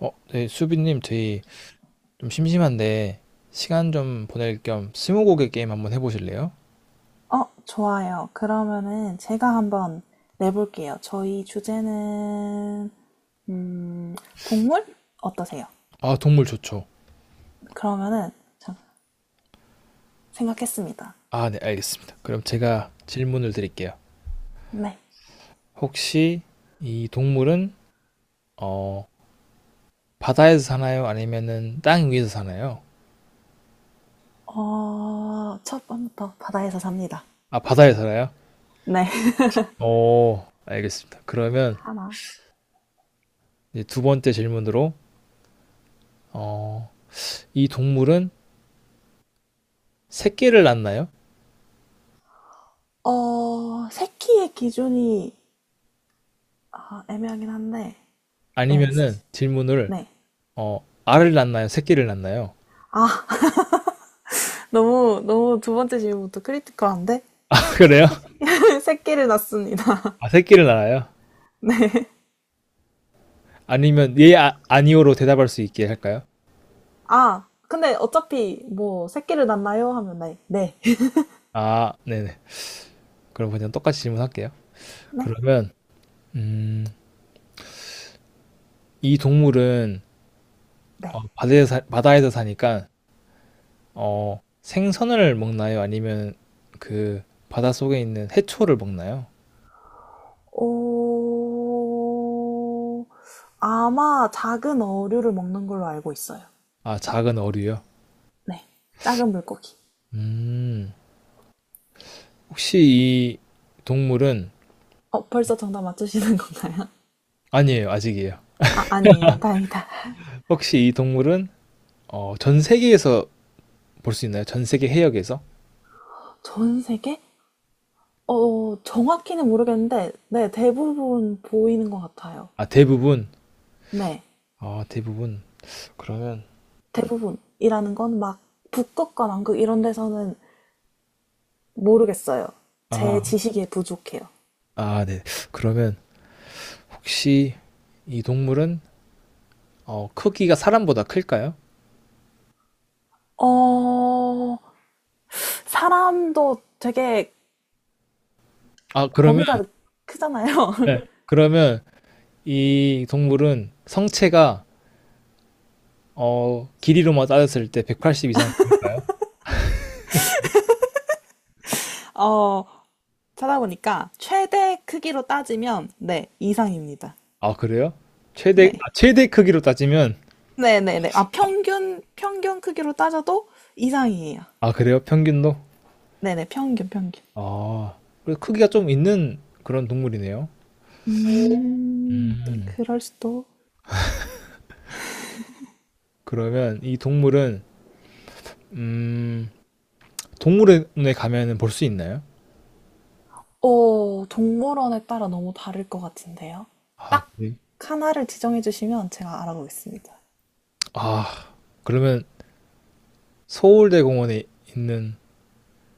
네, 수빈님, 저희 좀 심심한데 시간 좀 보낼 겸 스무고개 게임 한번 해보실래요? 어, 좋아요. 그러면은 제가 한번 내볼게요. 저희 주제는, 음, 동물? 어떠세요? 아, 동물 좋죠. 그러면은, 참, 생각했습니다. 아, 네, 알겠습니다. 그럼 제가 질문을 드릴게요. 네. 혹시 이 동물은 어, 바다에서 사나요? 아니면은 땅 위에서 사나요? 어, 첫 번부터 바다에서 삽니다. 아, 바다에 살아요? 네. 오, 알겠습니다. 그러면 하나. 이제 두 번째 질문으로 어, 이 동물은 새끼를 낳나요? 어, 새끼의 기준이, 아, 애매하긴 한데, 예, 아니면은 질문을, 네. 알을 낳나요? 새끼를 낳나요? 아, 너무, 너무 두 번째 질문부터 크리티컬한데? 그래요? 새, 새끼를 낳습니다. 아, 새끼를 낳아요? 네. 아니면 예, 아니오로 대답할 수 있게 할까요? 아, 근데 어차피 뭐 새끼를 낳나요? 하면 네, 네, 아, 네네 그럼 그냥 똑같이 질문할게요. 네, 그러면 음, 이 동물은 네. 바다에서 사니까 생선을 먹나요? 아니면 그 바다 속에 있는 해초를 먹나요? 어, 아마 작은 어류를 먹는 걸로 알고 있어요. 아, 작은 어류요. 네, 작은 물고기. 음 혹시 이 동물은. 어, 벌써 정답 맞추시는 건가요? 아니에요, 아직이에요. 아, 아니에요. 다행이다. 혹시 이 동물은 전 세계에서 볼 수 있나요? 전 세계 해역에서? 전 세계? 어, 정확히는 모르겠는데, 네, 대부분 보이는 것 같아요. 아, 대부분. 네, 아, 대부분. 그러면 대부분이라는 건 막 북극과 남극 이런 데서는 모르겠어요. 제 아, 지식이 부족해요. 아, 네. 그러면 혹시 이 동물은 크기가 사람보다 클까요? 어, 사람도 되게 아, 그러면 범위가 크잖아요. 네. 그러면 이 동물은 성체가 길이로만 따졌을 때 180 이상 될까요? 어, 찾아보니까 최대 크기로 따지면 네, 이상입니다. 아, 그래요? 최대 네. 아, 최대 크기로 따지면. 네네네. 아, 평균, 평균 크기로 따져도 이상이에요. 아, 그래요? 평균도? 네네, 평균, 평균. 아, 그래도 크기가 좀 있는 그런 동물이네요. 음. 그럴 수도. 그러면 이 동물은 음, 동물원에 가면은 볼 수 있나요? 어, 동물원에 따라 너무 다를 것 같은데요. 아, 딱 그래. 하나를 지정해 주시면 제가 알아보겠습니다. 아, 그러면 서울대공원에 있는,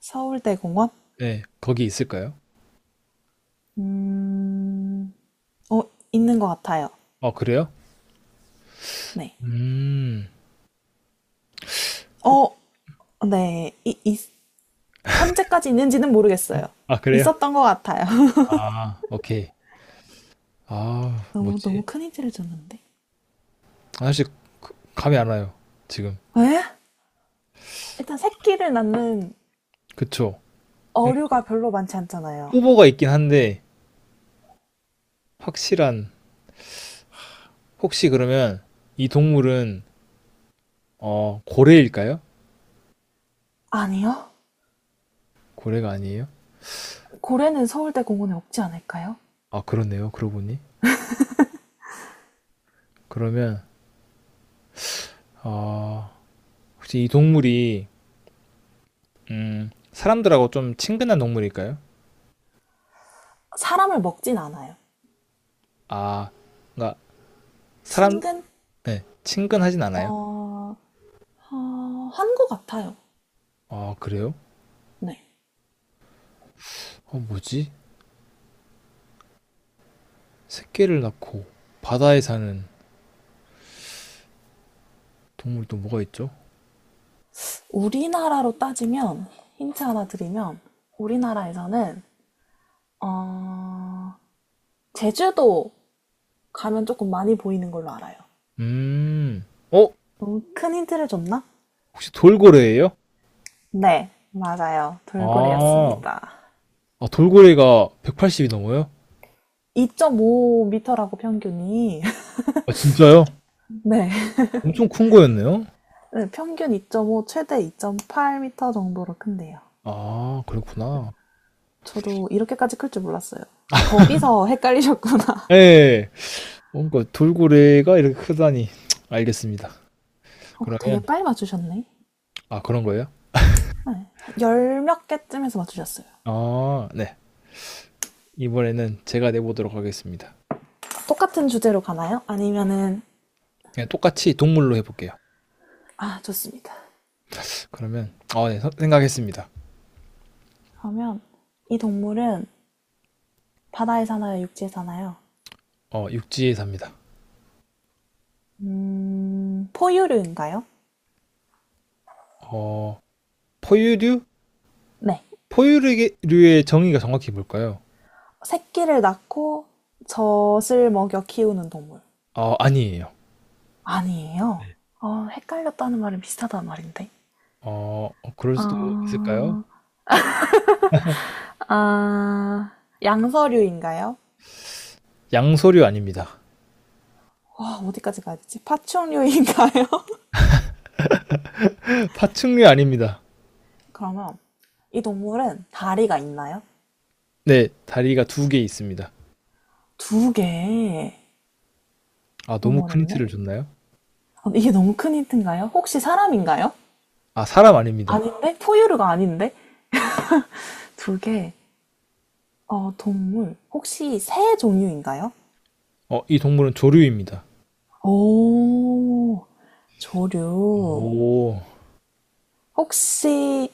서울대공원? 네, 거기 있을까요? 음, 어, 있는 것 같아요. 아, 그래요? 네. 음, 혹, 어, 네. 현재까지 있는지는 모르겠어요. 아, 그래요? 있었던 것 같아요. 아, 오케이. 아, 너무, 뭐지? 너무 큰 힌트를 줬는데. 사실 감이 안 와요 지금. 왜? 일단 새끼를 낳는 그쵸? 예, 어류가 별로 많지 않잖아요. 후보가 있긴 한데 확실한, 혹시 그러면 이 동물은 고래일까요? 아니요. 고래가 아니에요? 고래는 서울대 공원에 없지 않을까요? 아, 그렇네요. 그러고 보니, 그러면 아, 혹시 이 동물이 사람들하고 좀 친근한 동물일까요? 사람을 먹진 않아요. 아, 그러니까 사람, 친근? 네, 친근하진 어, 않아요? 어, 한 것 같아요. 아, 그래요? 네. 뭐지? 새끼를 낳고 바다에 사는 동물이 또 뭐가 있죠? 우리나라로 따지면, 힌트 하나 드리면, 우리나라에서는, 어, 제주도 가면 조금 많이 보이는 걸로 알아요. 음, 어? 너무 큰 힌트를 줬나? 혹시 돌고래예요? 네, 맞아요. 아, 돌고래였습니다. 아, 돌고래가 180이 넘어요? 2.5m라고 평균이. 아, 진짜요? 네. 엄청 큰 거였네요? 네, 평균 2.5, 최대 2.8m 정도로 큰데요. 아, 그렇구나. 저도 이렇게까지 클 줄 몰랐어요. 아, 거기서 헷갈리셨구나. 예, 뭔가 돌고래가 이렇게 크다니. 알겠습니다. 어, 그러면, 되게 빨리 맞추셨네. 아, 그런 거예요? 네, 열 몇 개쯤에서 맞추셨어요. 아, 네. 이번에는 제가 내보도록 하겠습니다. 똑같은 주제로 가나요? 아니면은, 그냥 똑같이 동물로 해볼게요. 아, 좋습니다. 그러면, 아, 네, 생각했습니다. 그러면 이 동물은 바다에 사나요? 육지에 사나요? 육지에 삽니다. 포유류인가요? 어, 포유류? 네. 포유류의 정의가 정확히 뭘까요? 새끼를 낳고 젖을 먹여 키우는 동물. 아니에요. 아니에요. 어, 헷갈렸다는 말은 비슷하다는 말인데. 그럴 수도 있을까요? 아, 아, 양서류인가요? 양서류 아닙니다. 와, 어디까지 가야 되지? 파충류인가요? 파충류 아닙니다. 그러면 이 동물은 다리가 있나요? 네, 다리가 2개 있습니다. 두 개. 아, 너무 너무 큰 어렵네. 힌트를 줬나요? 아, 이게 너무 큰 힌트인가요? 혹시 사람인가요? 아, 사람 아닙니다. 아닌데? 포유류가 아닌데? 두 개. 어, 동물. 혹시 새 종류인가요? 이 동물은 조류입니다. 오, 조류. 오, 혹시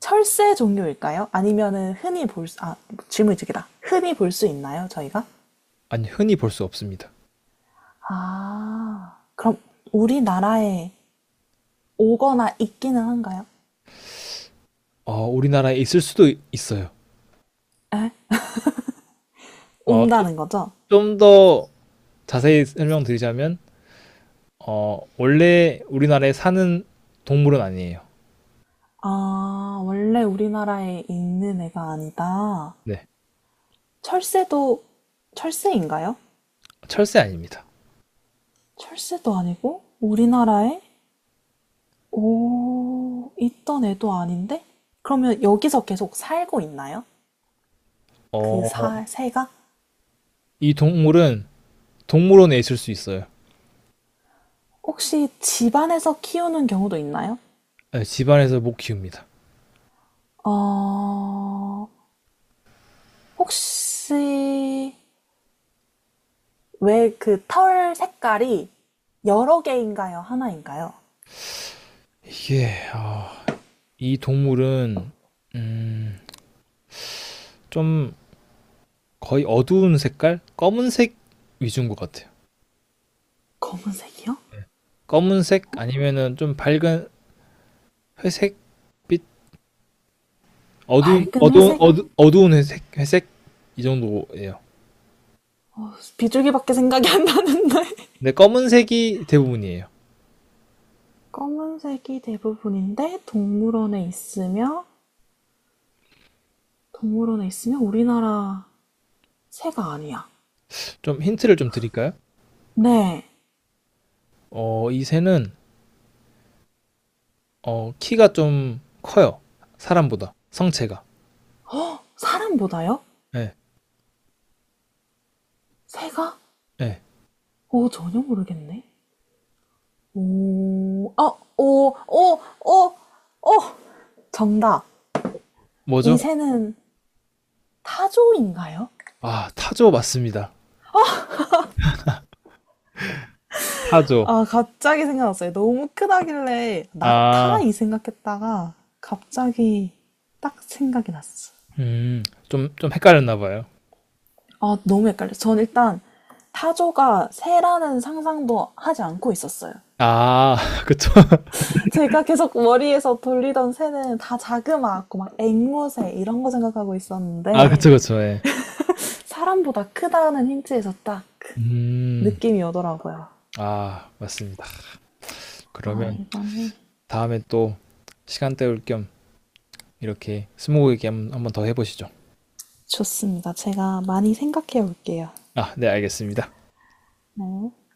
철새 종류일까요? 아니면은 흔히 볼 수, 아, 질문이 두 개다. 흔히 볼 수 있나요, 저희가? 아니, 흔히 볼 수 없습니다. 아, 그럼 우리나라에 오거나 있기는 한가요? 우리나라에 있을 수도 있어요. 어, 온다는 거죠? 좀 더 자세히 설명드리자면, 원래 우리나라에 사는 동물은 아니에요. 아, 원래 우리나라에 있는 애가 아니다. 네, 철새도, 철새인가요? 철새 아닙니다. 철새도 아니고, 우리나라에 오, 있던 애도 아닌데? 그러면 여기서 계속 살고 있나요? 어, 새가? 이 동물은 동물원에 있을 수 있어요. 혹시 집안에서 키우는 경우도 있나요? 네, 집안에서 못 키웁니다. 어, 혹시 왜 그 털 색깔이 여러 개인가요? 하나인가요? 이게 아, 이 동물은 음, 좀 거의 어두운 색깔, 검은색 위주인 것 같아요. 검은색이요? 네. 검은색 아니면은 좀 밝은 회색빛, 어두운 밝은 어두운 회색? 어두, 어두운 회색 이 정도예요. 어, 비둘기밖에 생각이 안 나는데. 근데 검은색이 대부분이에요. 검은색이 대부분인데 동물원에 있으며 동물원에 있으면 우리나라 새가 아니야. 좀 힌트를 좀 드릴까요? 네. 이 새는 키가 좀 커요. 사람보다 성체가. 허! 사람보다요? 네, 새가? 예. 어, 전혀 모르겠네. 오, 아, 오, 오, 오, 오! 정답. 뭐죠? 이 새는 타조인가요? 아, 타조 맞습니다. 타조. 아, 갑자기 생각났어요. 너무 크다길래 낙타 아, 이 생각했다가 갑자기 딱 생각이 났어. 음, 좀 헷갈렸나 봐요. 아, 너무 헷갈려. 전 일단 타조가 새라는 상상도 하지 않고 있었어요. 아, 그쵸. 제가 계속 머리에서 돌리던 새는 다 자그마하고 막 앵무새 이런 거 생각하고 아, 있었는데 그쵸, 그쵸. 예. 사람보다 크다는 힌트에서 딱 음, 느낌이 오더라고요. 아, 맞습니다. 아, 그러면 이거는 다음에 또 시간 때울 겸 이렇게 스무고개 한번 더 해보시죠. 좋습니다. 제가 많이 생각해 볼게요 아, 네, 알겠습니다. 네.